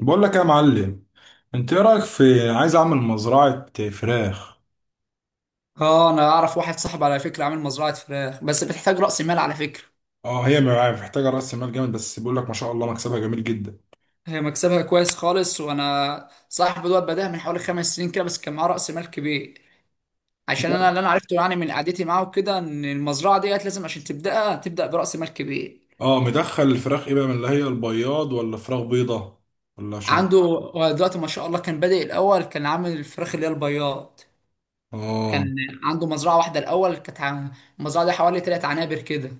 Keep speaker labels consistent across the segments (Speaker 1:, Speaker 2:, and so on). Speaker 1: بقول لك يا معلم، انت ايه رايك في عايز اعمل مزرعه فراخ.
Speaker 2: اه، انا اعرف واحد صاحب على فكره عامل مزرعه فراخ، بس بتحتاج راس مال على فكره.
Speaker 1: اه، هي معايا محتاجه راس مال جامد بس بقول لك ما شاء الله مكسبها جميل جدا.
Speaker 2: هي مكسبها كويس خالص، وانا صاحب دوت بداها من حوالي 5 سنين كده، بس كان معاه راس مال كبير. عشان انا اللي عرفته يعني من قعدتي معاه وكده ان المزرعه ديت لازم عشان تبداها، تبدا براس مال كبير.
Speaker 1: اه، مدخل الفراخ ايه بقى؟ من اللي هي البياض ولا فراخ بيضه ولا شن؟
Speaker 2: عنده هو دلوقتي ما شاء الله، كان بادئ الاول كان عامل الفراخ اللي هي البياض.
Speaker 1: اه،
Speaker 2: كان عنده مزرعه واحده الاول. المزرعه دي حوالي 3 عنابر كده.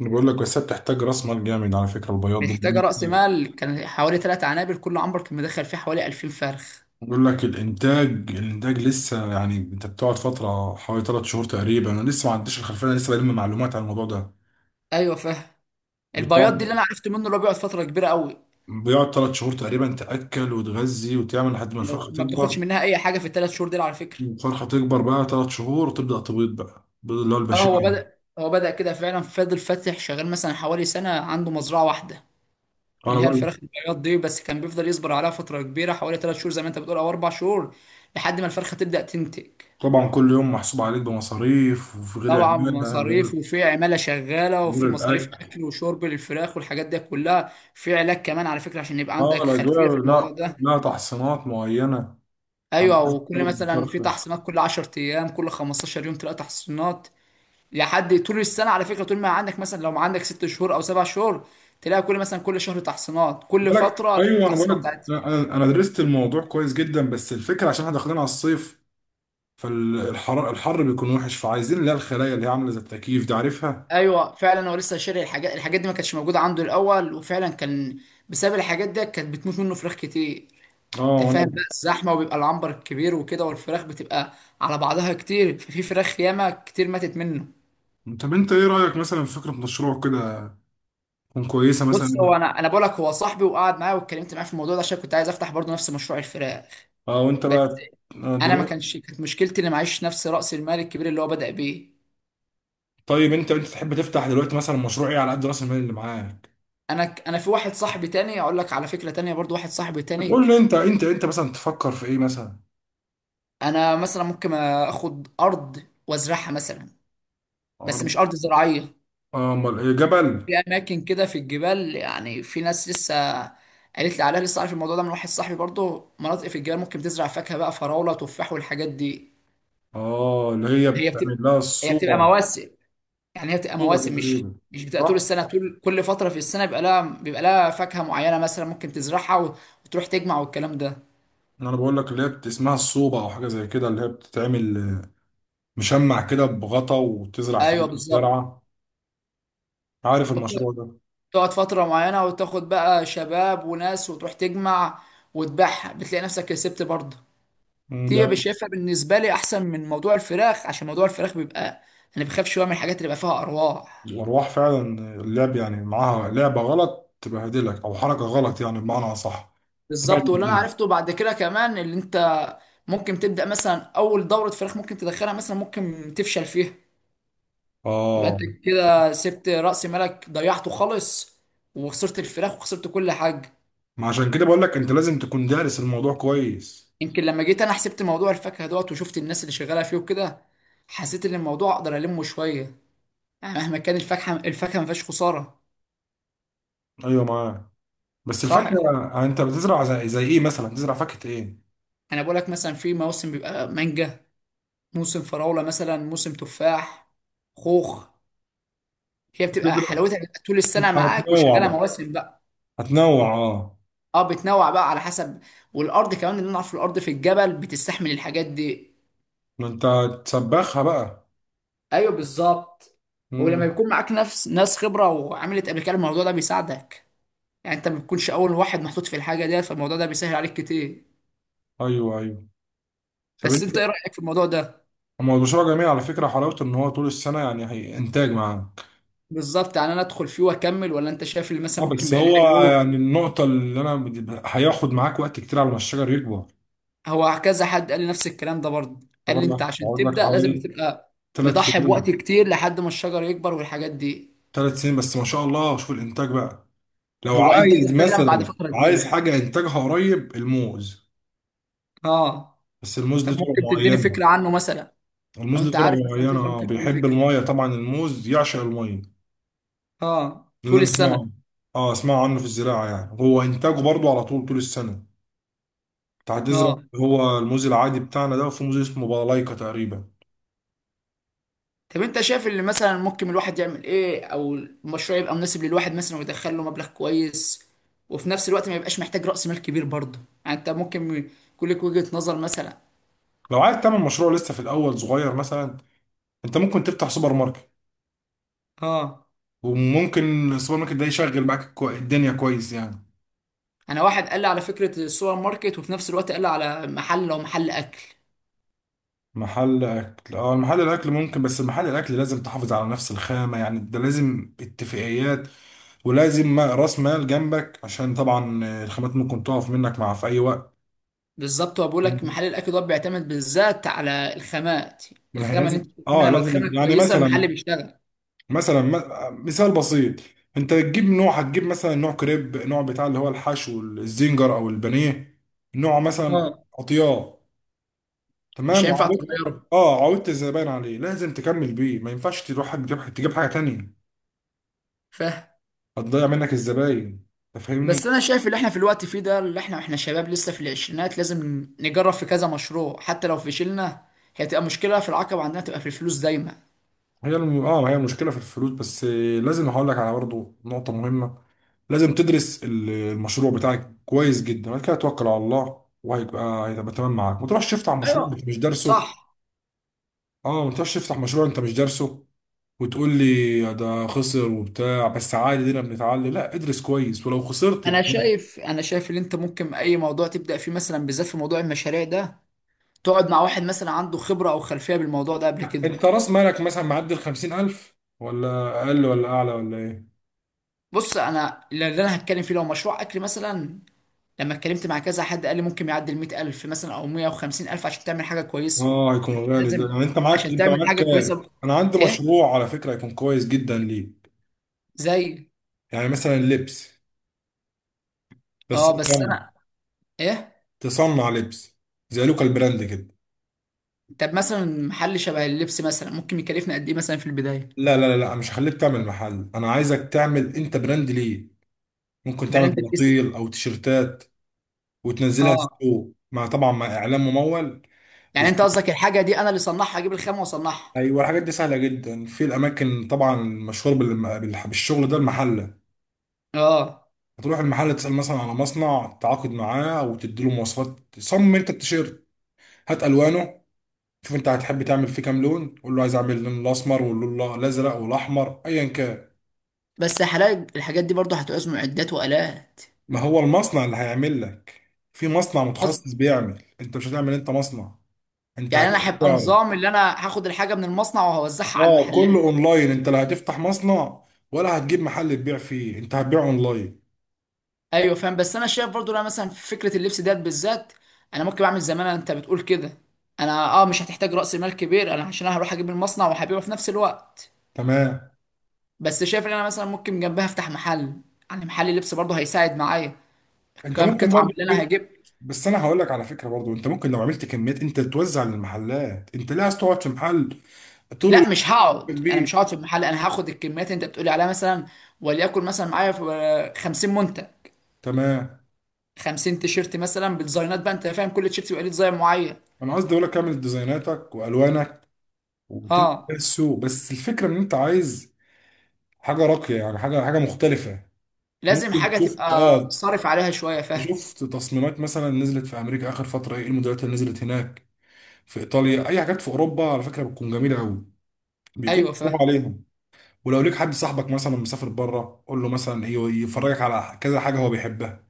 Speaker 1: أنا بقول لك بس هي بتحتاج راس مال جامد على فكره البياض دي
Speaker 2: محتاجه
Speaker 1: لأن
Speaker 2: راس
Speaker 1: أنت-
Speaker 2: مال، كان حوالي 3 عنابر، كل عنبر كان مدخل فيه حوالي 2000 فرخ.
Speaker 1: بقول لك الانتاج لسه، يعني انت بتقعد فتره حوالي ثلاث شهور تقريبا. انا لسه ما عنديش الخلفيه، انا لسه بلم معلومات عن الموضوع ده.
Speaker 2: ايوه، فاهم. البياض دي اللي
Speaker 1: بتقعد،
Speaker 2: انا عرفت منه، اللي هو بيقعد فتره كبيره قوي.
Speaker 1: بيقعد ثلاث شهور تقريبا، تأكل وتغذي وتعمل لحد ما
Speaker 2: لو
Speaker 1: الفرخة
Speaker 2: ما بتاخدش
Speaker 1: تكبر.
Speaker 2: منها اي حاجه في ال 3 شهور دي على فكره.
Speaker 1: الفرخة تكبر بقى ثلاث شهور وتبدأ تبيض بقى البيض اللي هو
Speaker 2: اه، هو
Speaker 1: البشري.
Speaker 2: بدا هو بدا كده فعلا، فضل فاتح شغال مثلا حوالي سنه عنده مزرعه واحده،
Speaker 1: أنا
Speaker 2: اللي هي
Speaker 1: بقى
Speaker 2: الفراخ البياض دي، بس كان بيفضل يصبر عليها فتره كبيره، حوالي 3 شهور زي ما انت بتقول او 4 شهور، لحد ما الفرخه تبدا تنتج.
Speaker 1: طبعا كل يوم محسوب عليك بمصاريف، وفي غير
Speaker 2: طبعا
Speaker 1: العمالة، غير
Speaker 2: مصاريف، وفي عماله شغاله،
Speaker 1: غير
Speaker 2: وفي مصاريف
Speaker 1: الأكل.
Speaker 2: اكل وشرب للفراخ والحاجات دي كلها، في علاج كمان على فكره عشان يبقى
Speaker 1: اه،
Speaker 2: عندك
Speaker 1: الأجواء،
Speaker 2: خلفيه في الموضوع
Speaker 1: لا
Speaker 2: ده.
Speaker 1: لا تحصينات معينة، على
Speaker 2: ايوه،
Speaker 1: حسب
Speaker 2: وكل
Speaker 1: برضه
Speaker 2: مثلا في
Speaker 1: الفرخة.
Speaker 2: تحصينات كل 10 ايام، كل 15 يوم تلاقي تحصينات لحد طول السنه على فكره. طول ما عندك مثلا لو عندك 6 شهور او 7 شهور، تلاقي كل مثلا كل شهر تحصينات، كل
Speaker 1: بالك.
Speaker 2: فتره لها
Speaker 1: أيوه، أنا
Speaker 2: التحصينات
Speaker 1: بقولك
Speaker 2: بتاعتها.
Speaker 1: لا، أنا درست الموضوع كويس جدا، بس الفكرة عشان احنا داخلين على الصيف، فالحر بيكون وحش، فعايزين اللي هي الخلايا اللي هي عاملة زي التكييف دي، عارفها؟
Speaker 2: ايوه فعلا، هو لسه شاري الحاجات دي ما كانتش موجوده عنده الاول، وفعلا كان بسبب الحاجات دي كانت بتموت منه فراخ كتير.
Speaker 1: اه،
Speaker 2: انت فاهم
Speaker 1: وانا.
Speaker 2: بقى الزحمه، وبيبقى العنبر الكبير وكده، والفراخ بتبقى على بعضها كتير، ففي فراخ ياما كتير ماتت منه.
Speaker 1: طب انت ايه رأيك مثلا في فكرة مشروع كده؟ تكون كويسة
Speaker 2: بص،
Speaker 1: مثلا.
Speaker 2: هو انا بقول لك هو صاحبي وقعد معايا واتكلمت معاه في الموضوع ده، عشان كنت عايز افتح برضه نفس مشروع الفراخ.
Speaker 1: اه، وانت
Speaker 2: بس
Speaker 1: بقى آه،
Speaker 2: انا ما
Speaker 1: دلوقتي.
Speaker 2: كانش كانت مشكلتي اني معيش نفس راس المال الكبير اللي هو بدأ بيه.
Speaker 1: طيب انت، تحب تفتح دلوقتي مثلا مشروع ايه على قد راس المال اللي معاك؟
Speaker 2: انا في واحد صاحبي تاني اقول لك على فكرة تانية برضه، واحد صاحبي تاني.
Speaker 1: بتقول لي انت، انت مثلا تفكر في ايه مثلا؟
Speaker 2: انا مثلا ممكن اخد ارض وازرعها مثلا، بس
Speaker 1: عرض.
Speaker 2: مش ارض زراعية.
Speaker 1: اه، امال ايه؟ جبل.
Speaker 2: في اماكن كده في الجبال، يعني في ناس لسه قالت لي عليها، لسه عارف الموضوع ده من واحد صاحبي برضه، مناطق في الجبال ممكن تزرع فاكهة بقى، فراولة، تفاح، والحاجات دي.
Speaker 1: اه، اللي هي
Speaker 2: هي
Speaker 1: بتعمل
Speaker 2: بتبقى
Speaker 1: لها
Speaker 2: هي بتبقى
Speaker 1: الصوبة.
Speaker 2: مواسم، يعني هي بتبقى
Speaker 1: صوبة
Speaker 2: مواسم، مش
Speaker 1: تقريبا.
Speaker 2: مش بتبقى طول
Speaker 1: صح.
Speaker 2: السنه. طول كل فتره في السنه بيبقى لها فاكهه معينه مثلا ممكن تزرعها وتروح تجمع والكلام ده.
Speaker 1: انا بقول لك اللي هي اسمها الصوبة او حاجة زي كده، اللي هي بتتعمل آه، مشمع كده بغطا وتزرع في
Speaker 2: ايوه بالظبط،
Speaker 1: الزرعة. عارف المشروع ده؟
Speaker 2: وبتقعد فتره معينه وتاخد بقى شباب وناس وتروح تجمع وتبيعها، بتلاقي نفسك كسبت برضه.
Speaker 1: مم،
Speaker 2: دي
Speaker 1: ده
Speaker 2: بشايفها بالنسبه لي احسن من موضوع الفراخ، عشان موضوع الفراخ بيبقى، انا بخاف شويه من الحاجات اللي بيبقى فيها ارواح.
Speaker 1: الأرواح فعلا. اللعب يعني معاها لعبة غلط تبهدلك، أو حركة غلط يعني بمعنى أصح.
Speaker 2: بالظبط، واللي انا
Speaker 1: تبهدلك.
Speaker 2: عرفته بعد كده كمان، اللي انت ممكن تبدا مثلا اول دوره فراخ ممكن تدخلها مثلا، ممكن تفشل فيها، يبقى
Speaker 1: آه.
Speaker 2: انت كده سبت رأس مالك ضيعته خالص، وخسرت الفراخ وخسرت كل حاجة.
Speaker 1: ما عشان كده بقول لك أنت لازم تكون دارس الموضوع كويس.
Speaker 2: يمكن لما جيت انا حسبت موضوع الفاكهة دوت، وشفت الناس اللي شغالة فيه وكده، حسيت ان الموضوع اقدر المه شوية. مهما كان، الفاكهة ما فيهاش خسارة.
Speaker 1: أيوه، معاك. بس
Speaker 2: صح،
Speaker 1: الفاكهة
Speaker 2: الفاكهة،
Speaker 1: يعني أنت بتزرع زي، إيه مثلا؟ بتزرع فاكهة إيه؟
Speaker 2: انا بقول لك مثلا في موسم بيبقى مانجا، موسم فراولة مثلا، موسم تفاح، خوخ. هي بتبقى
Speaker 1: بتزرع.
Speaker 2: حلاوتها بتبقى طول السنة معاك،
Speaker 1: هتنوع
Speaker 2: وشغالة
Speaker 1: بقى.
Speaker 2: مواسم بقى.
Speaker 1: هتنوع، آه.
Speaker 2: اه، بتنوع بقى على حسب، والارض كمان اللي نعرف، الارض في الجبل بتستحمل الحاجات دي.
Speaker 1: ما أنت تسبخها بقى.
Speaker 2: ايوه بالظبط. ولما
Speaker 1: مم.
Speaker 2: بيكون معاك نفس ناس خبره وعملت قبل كده الموضوع ده بيساعدك، يعني انت ما بتكونش اول واحد محطوط في الحاجه ديت، فالموضوع ده بيسهل عليك كتير.
Speaker 1: أيوه أيوه. طب
Speaker 2: بس
Speaker 1: أنت.
Speaker 2: انت ايه رايك في الموضوع ده؟
Speaker 1: هو البشرة جميل على فكرة، حلاوته إن هو طول السنة يعني هي إنتاج معاك.
Speaker 2: بالظبط، يعني انا ادخل فيه واكمل ولا انت شايف اللي مثلا
Speaker 1: اه
Speaker 2: ممكن
Speaker 1: بس
Speaker 2: بيقلل
Speaker 1: هو
Speaker 2: عيوب؟
Speaker 1: يعني النقطة اللي هياخد معاك وقت كتير على ما الشجر يكبر.
Speaker 2: هو كذا حد قال لي نفس الكلام ده برضه،
Speaker 1: أنت
Speaker 2: قال لي انت
Speaker 1: برضه
Speaker 2: عشان
Speaker 1: هقعد لك
Speaker 2: تبدا لازم
Speaker 1: حوالي
Speaker 2: تبقى
Speaker 1: ثلاث
Speaker 2: مضحي بوقت
Speaker 1: سنين.
Speaker 2: كتير لحد ما الشجر يكبر والحاجات دي.
Speaker 1: ثلاث سنين بس ما شاء الله شوف الإنتاج بقى. لو
Speaker 2: هو
Speaker 1: عايز
Speaker 2: انتاجه فعلا بعد
Speaker 1: مثلا،
Speaker 2: فتره
Speaker 1: عايز
Speaker 2: كبيره.
Speaker 1: حاجة إنتاجها قريب، الموز.
Speaker 2: اه.
Speaker 1: بس الموز
Speaker 2: طب
Speaker 1: ليه طرق
Speaker 2: ممكن تديني
Speaker 1: معينة.
Speaker 2: فكره عنه مثلا؟ لو
Speaker 1: الموز
Speaker 2: انت
Speaker 1: ليه طرق
Speaker 2: عارف مثلا
Speaker 1: معينة،
Speaker 2: فكره
Speaker 1: اه،
Speaker 2: ممكن تديني
Speaker 1: بيحب
Speaker 2: فكره.
Speaker 1: المية طبعا، الموز يعشق المية.
Speaker 2: اه،
Speaker 1: ده اللي
Speaker 2: طول
Speaker 1: أنا أسمعه.
Speaker 2: السنه.
Speaker 1: اه، أسمع عنه في الزراعة، يعني هو إنتاجه برضه على طول، طول السنة. أنت هتزرع
Speaker 2: اه،
Speaker 1: هو الموز العادي بتاعنا ده، وفي موز اسمه بالايكا تقريبا.
Speaker 2: طب انت شايف اللي مثلا ممكن الواحد يعمل ايه، او المشروع يبقى مناسب للواحد مثلا ويدخل له مبلغ كويس، وفي نفس الوقت ما يبقاش محتاج رأس مال كبير برضه؟ يعني انت ممكن يكون لك وجهة نظر مثلا.
Speaker 1: لو عايز تعمل مشروع لسه في الاول صغير مثلا، انت ممكن تفتح سوبر ماركت.
Speaker 2: اه،
Speaker 1: وممكن السوبر ماركت ده يشغل معاك الدنيا كويس يعني.
Speaker 2: انا واحد قال لي على فكرة السوبر ماركت، وفي نفس الوقت قال لي على محل، لو محل اكل.
Speaker 1: محل اكل؟ اه، محل الاكل ممكن، بس محل الاكل لازم تحافظ على نفس الخامة، يعني ده لازم اتفاقيات، ولازم راس مال جنبك عشان طبعا الخامات ممكن تقف منك مع في اي وقت.
Speaker 2: بالظبط، هو بيقول لك محل الاكل ده بيعتمد بالذات على الخامات.
Speaker 1: ما هي
Speaker 2: الخامة اللي انت
Speaker 1: لازم، اه
Speaker 2: بتعملها لو
Speaker 1: لازم
Speaker 2: الخامة
Speaker 1: يعني
Speaker 2: كويسة
Speaker 1: مثلا،
Speaker 2: المحل بيشتغل.
Speaker 1: مثلا مثال بسيط. انت تجيب نوع، هتجيب مثلا نوع كريب، نوع بتاع اللي هو الحشو الزنجر او البانيه، نوع مثلا
Speaker 2: اه،
Speaker 1: قطيان.
Speaker 2: مش
Speaker 1: تمام.
Speaker 2: هينفع
Speaker 1: وعملت،
Speaker 2: تغيره.
Speaker 1: اه عودت الزباين عليه، لازم تكمل بيه. ما ينفعش تروح تجيب حاجه تانية.
Speaker 2: فاهم.
Speaker 1: هتضيع منك الزباين. انت
Speaker 2: بس
Speaker 1: فاهمني.
Speaker 2: انا شايف اللي احنا في الوقت فيه ده، اللي احنا شباب لسه في العشرينات، لازم نجرب في كذا مشروع حتى لو فشلنا. هي تبقى مشكلة، في العقبة عندنا تبقى في الفلوس دايما.
Speaker 1: اه هي المشكله في الفلوس بس آه، لازم هقول لك على برضه نقطه مهمه. لازم تدرس المشروع بتاعك كويس جدا، بعد كده توكل على الله وهيبقى تمام معاك. ما تروحش تفتح مشروع
Speaker 2: ايوه،
Speaker 1: انت مش دارسه.
Speaker 2: صح.
Speaker 1: اه ما تقدرش تفتح مشروع انت مش دارسه وتقول لي ده خسر وبتاع. بس عادي دينا بنتعلم، لا ادرس كويس ولو خسرت
Speaker 2: انا
Speaker 1: يبقى.
Speaker 2: شايف انا شايف ان انت ممكن اي موضوع تبدأ فيه مثلا، بالذات في موضوع المشاريع ده، تقعد مع واحد مثلا عنده خبرة او خلفية بالموضوع ده قبل كده.
Speaker 1: انت راس مالك مثلا معدي ال 50,000 ولا اقل ولا اعلى ولا ايه؟
Speaker 2: بص، انا اللي هتكلم فيه لو مشروع اكل مثلا، لما اتكلمت مع كذا حد قال لي ممكن يعدي ال 100000 مثلا او 150000 عشان تعمل حاجة كويسة.
Speaker 1: اه هيكون غالي ده،
Speaker 2: لازم،
Speaker 1: يعني انت معاك،
Speaker 2: عشان
Speaker 1: انت
Speaker 2: تعمل
Speaker 1: معاك
Speaker 2: حاجة كويسة
Speaker 1: كام؟
Speaker 2: ب-
Speaker 1: انا عندي
Speaker 2: ايه،
Speaker 1: مشروع على فكرة هيكون كويس جدا ليك.
Speaker 2: زي،
Speaker 1: يعني مثلا لبس، بس
Speaker 2: اه، بس
Speaker 1: تفهم،
Speaker 2: انا، ايه،
Speaker 1: تصنع لبس زي لوكال براند كده.
Speaker 2: طب مثلا محل شبه اللبس مثلا ممكن يكلفني قد ايه مثلا في البدايه؟
Speaker 1: لا لا لا لا، مش هخليك تعمل محل، انا عايزك تعمل انت براند ليه. ممكن تعمل
Speaker 2: براند الاسم.
Speaker 1: بناطيل او تيشرتات وتنزلها
Speaker 2: اه،
Speaker 1: ستور، مع طبعا مع اعلان ممول.
Speaker 2: يعني
Speaker 1: وش...
Speaker 2: انت قصدك الحاجه دي انا اللي صنعها، اجيب الخامه واصنعها؟
Speaker 1: ايوه الحاجات دي سهله جدا، في الاماكن طبعا مشهور بالشغل ده المحله.
Speaker 2: اه،
Speaker 1: هتروح المحل تسال مثلا على مصنع، تعاقد معاه وتدي له مواصفات. صمم انت التيشيرت، هات الوانه، شوف انت هتحب تعمل فيه كام لون. قول له عايز اعمل اللون الاسمر واللون الازرق والاحمر ايا كان.
Speaker 2: بس حلاقي الحاجات دي برضه هتعوز معدات والات.
Speaker 1: ما هو المصنع اللي هيعمل لك. في مصنع
Speaker 2: قصد-
Speaker 1: متخصص بيعمل، انت مش هتعمل انت مصنع، انت
Speaker 2: يعني انا
Speaker 1: هتاخد.
Speaker 2: هيبقى نظام اللي انا هاخد الحاجه من المصنع وهوزعها على
Speaker 1: اه
Speaker 2: المحلات.
Speaker 1: كله اونلاين، انت لا هتفتح مصنع ولا هتجيب محل تبيع فيه، انت هتبيع اونلاين.
Speaker 2: ايوه فاهم، بس انا شايف برضه لا، مثلا في فكره اللبس ديت بالذات، انا ممكن اعمل زي ما انت بتقول كده. انا مش هتحتاج راس مال كبير، انا عشان أنا هروح اجيب المصنع وهبيعه في نفس الوقت.
Speaker 1: تمام.
Speaker 2: بس شايف ان انا مثلا ممكن جنبها افتح محل، يعني محل لبس برضه هيساعد معايا.
Speaker 1: انت
Speaker 2: كام
Speaker 1: ممكن
Speaker 2: قطعه من
Speaker 1: برضو
Speaker 2: اللي انا هجيب.
Speaker 1: بس انا هقول لك على فكره برضو انت ممكن لو عملت كميات انت توزع للمحلات. انت ليه عايز تقعد في محل طول
Speaker 2: لا،
Speaker 1: اليوم؟
Speaker 2: مش هقعد، انا
Speaker 1: كبير.
Speaker 2: مش هقعد في المحل، انا هاخد الكميات اللي انت بتقولي عليها مثلا، وليكن مثلا معايا في 50 منتج،
Speaker 1: تمام.
Speaker 2: 50 تيشيرت مثلا بديزاينات بقى، انت فاهم، كل تيشيرت يبقى ليه ديزاين معين.
Speaker 1: انا قصدي اقول لك اعمل ديزايناتك والوانك وتنزل
Speaker 2: اه،
Speaker 1: بيها السوق. بس الفكره ان انت عايز حاجه راقيه، يعني حاجه مختلفه. انت
Speaker 2: لازم
Speaker 1: ممكن
Speaker 2: حاجه
Speaker 1: تشوف،
Speaker 2: تبقى
Speaker 1: اه،
Speaker 2: صارف عليها شويه، فاهم.
Speaker 1: شفت تصميمات مثلا نزلت في امريكا اخر فتره، ايه الموديلات اللي نزلت هناك؟ في ايطاليا، اي حاجات في اوروبا على فكره بتكون جميله قوي، بيكون
Speaker 2: ايوه
Speaker 1: مصروف
Speaker 2: فاهم.
Speaker 1: عليهم. ولو ليك حد صاحبك مثلا مسافر بره، قول له مثلا ايه، يفرجك على كذا حاجه هو بيحبها،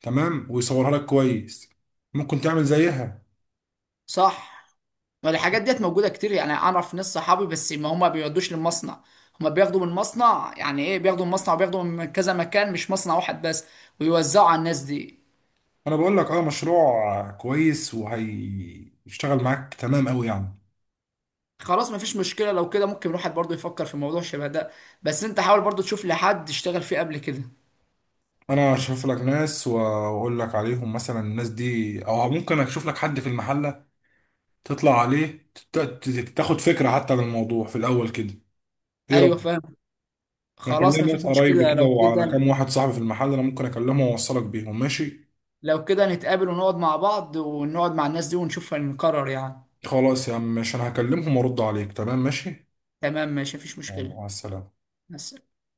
Speaker 1: تمام، ويصورها لك كويس، ممكن تعمل زيها.
Speaker 2: صح. الحاجات ديت موجودة كتير، يعني أعرف ناس صحابي، بس ما هما بيودوش للمصنع، هما بياخدوا من المصنع، يعني إيه، بياخدوا من المصنع وبياخدوا من كذا مكان مش مصنع واحد بس، ويوزعوا على الناس دي.
Speaker 1: انا بقول لك اه مشروع كويس وهيشتغل معاك تمام قوي يعني.
Speaker 2: خلاص مفيش مشكلة لو كده، ممكن الواحد برضه يفكر في موضوع شبه ده. بس أنت حاول برضه تشوف لحد اشتغل فيه قبل كده.
Speaker 1: انا اشوف لك ناس واقول لك عليهم، مثلا الناس دي، او ممكن اشوف لك حد في المحله تطلع عليه تاخد فكره حتى عن الموضوع في الاول كده. ايه
Speaker 2: أيوه
Speaker 1: رأيك؟
Speaker 2: فاهم.
Speaker 1: انا كان
Speaker 2: خلاص
Speaker 1: ليا
Speaker 2: مفيش
Speaker 1: ناس قرايب
Speaker 2: مشكلة
Speaker 1: كده،
Speaker 2: لو
Speaker 1: وعلى
Speaker 2: كده.
Speaker 1: كام واحد صاحبي في المحل، انا ممكن اكلمهم واوصلك بيهم ماشي.
Speaker 2: لو كده نتقابل ونقعد مع بعض ونقعد مع الناس دي ونشوف هنقرر يعني.
Speaker 1: خلاص يا عم ماشي، انا هكلمهم وارد عليك تمام ماشي.
Speaker 2: تمام ماشي مفيش
Speaker 1: يلا
Speaker 2: مشكلة.
Speaker 1: مع السلامة.
Speaker 2: بس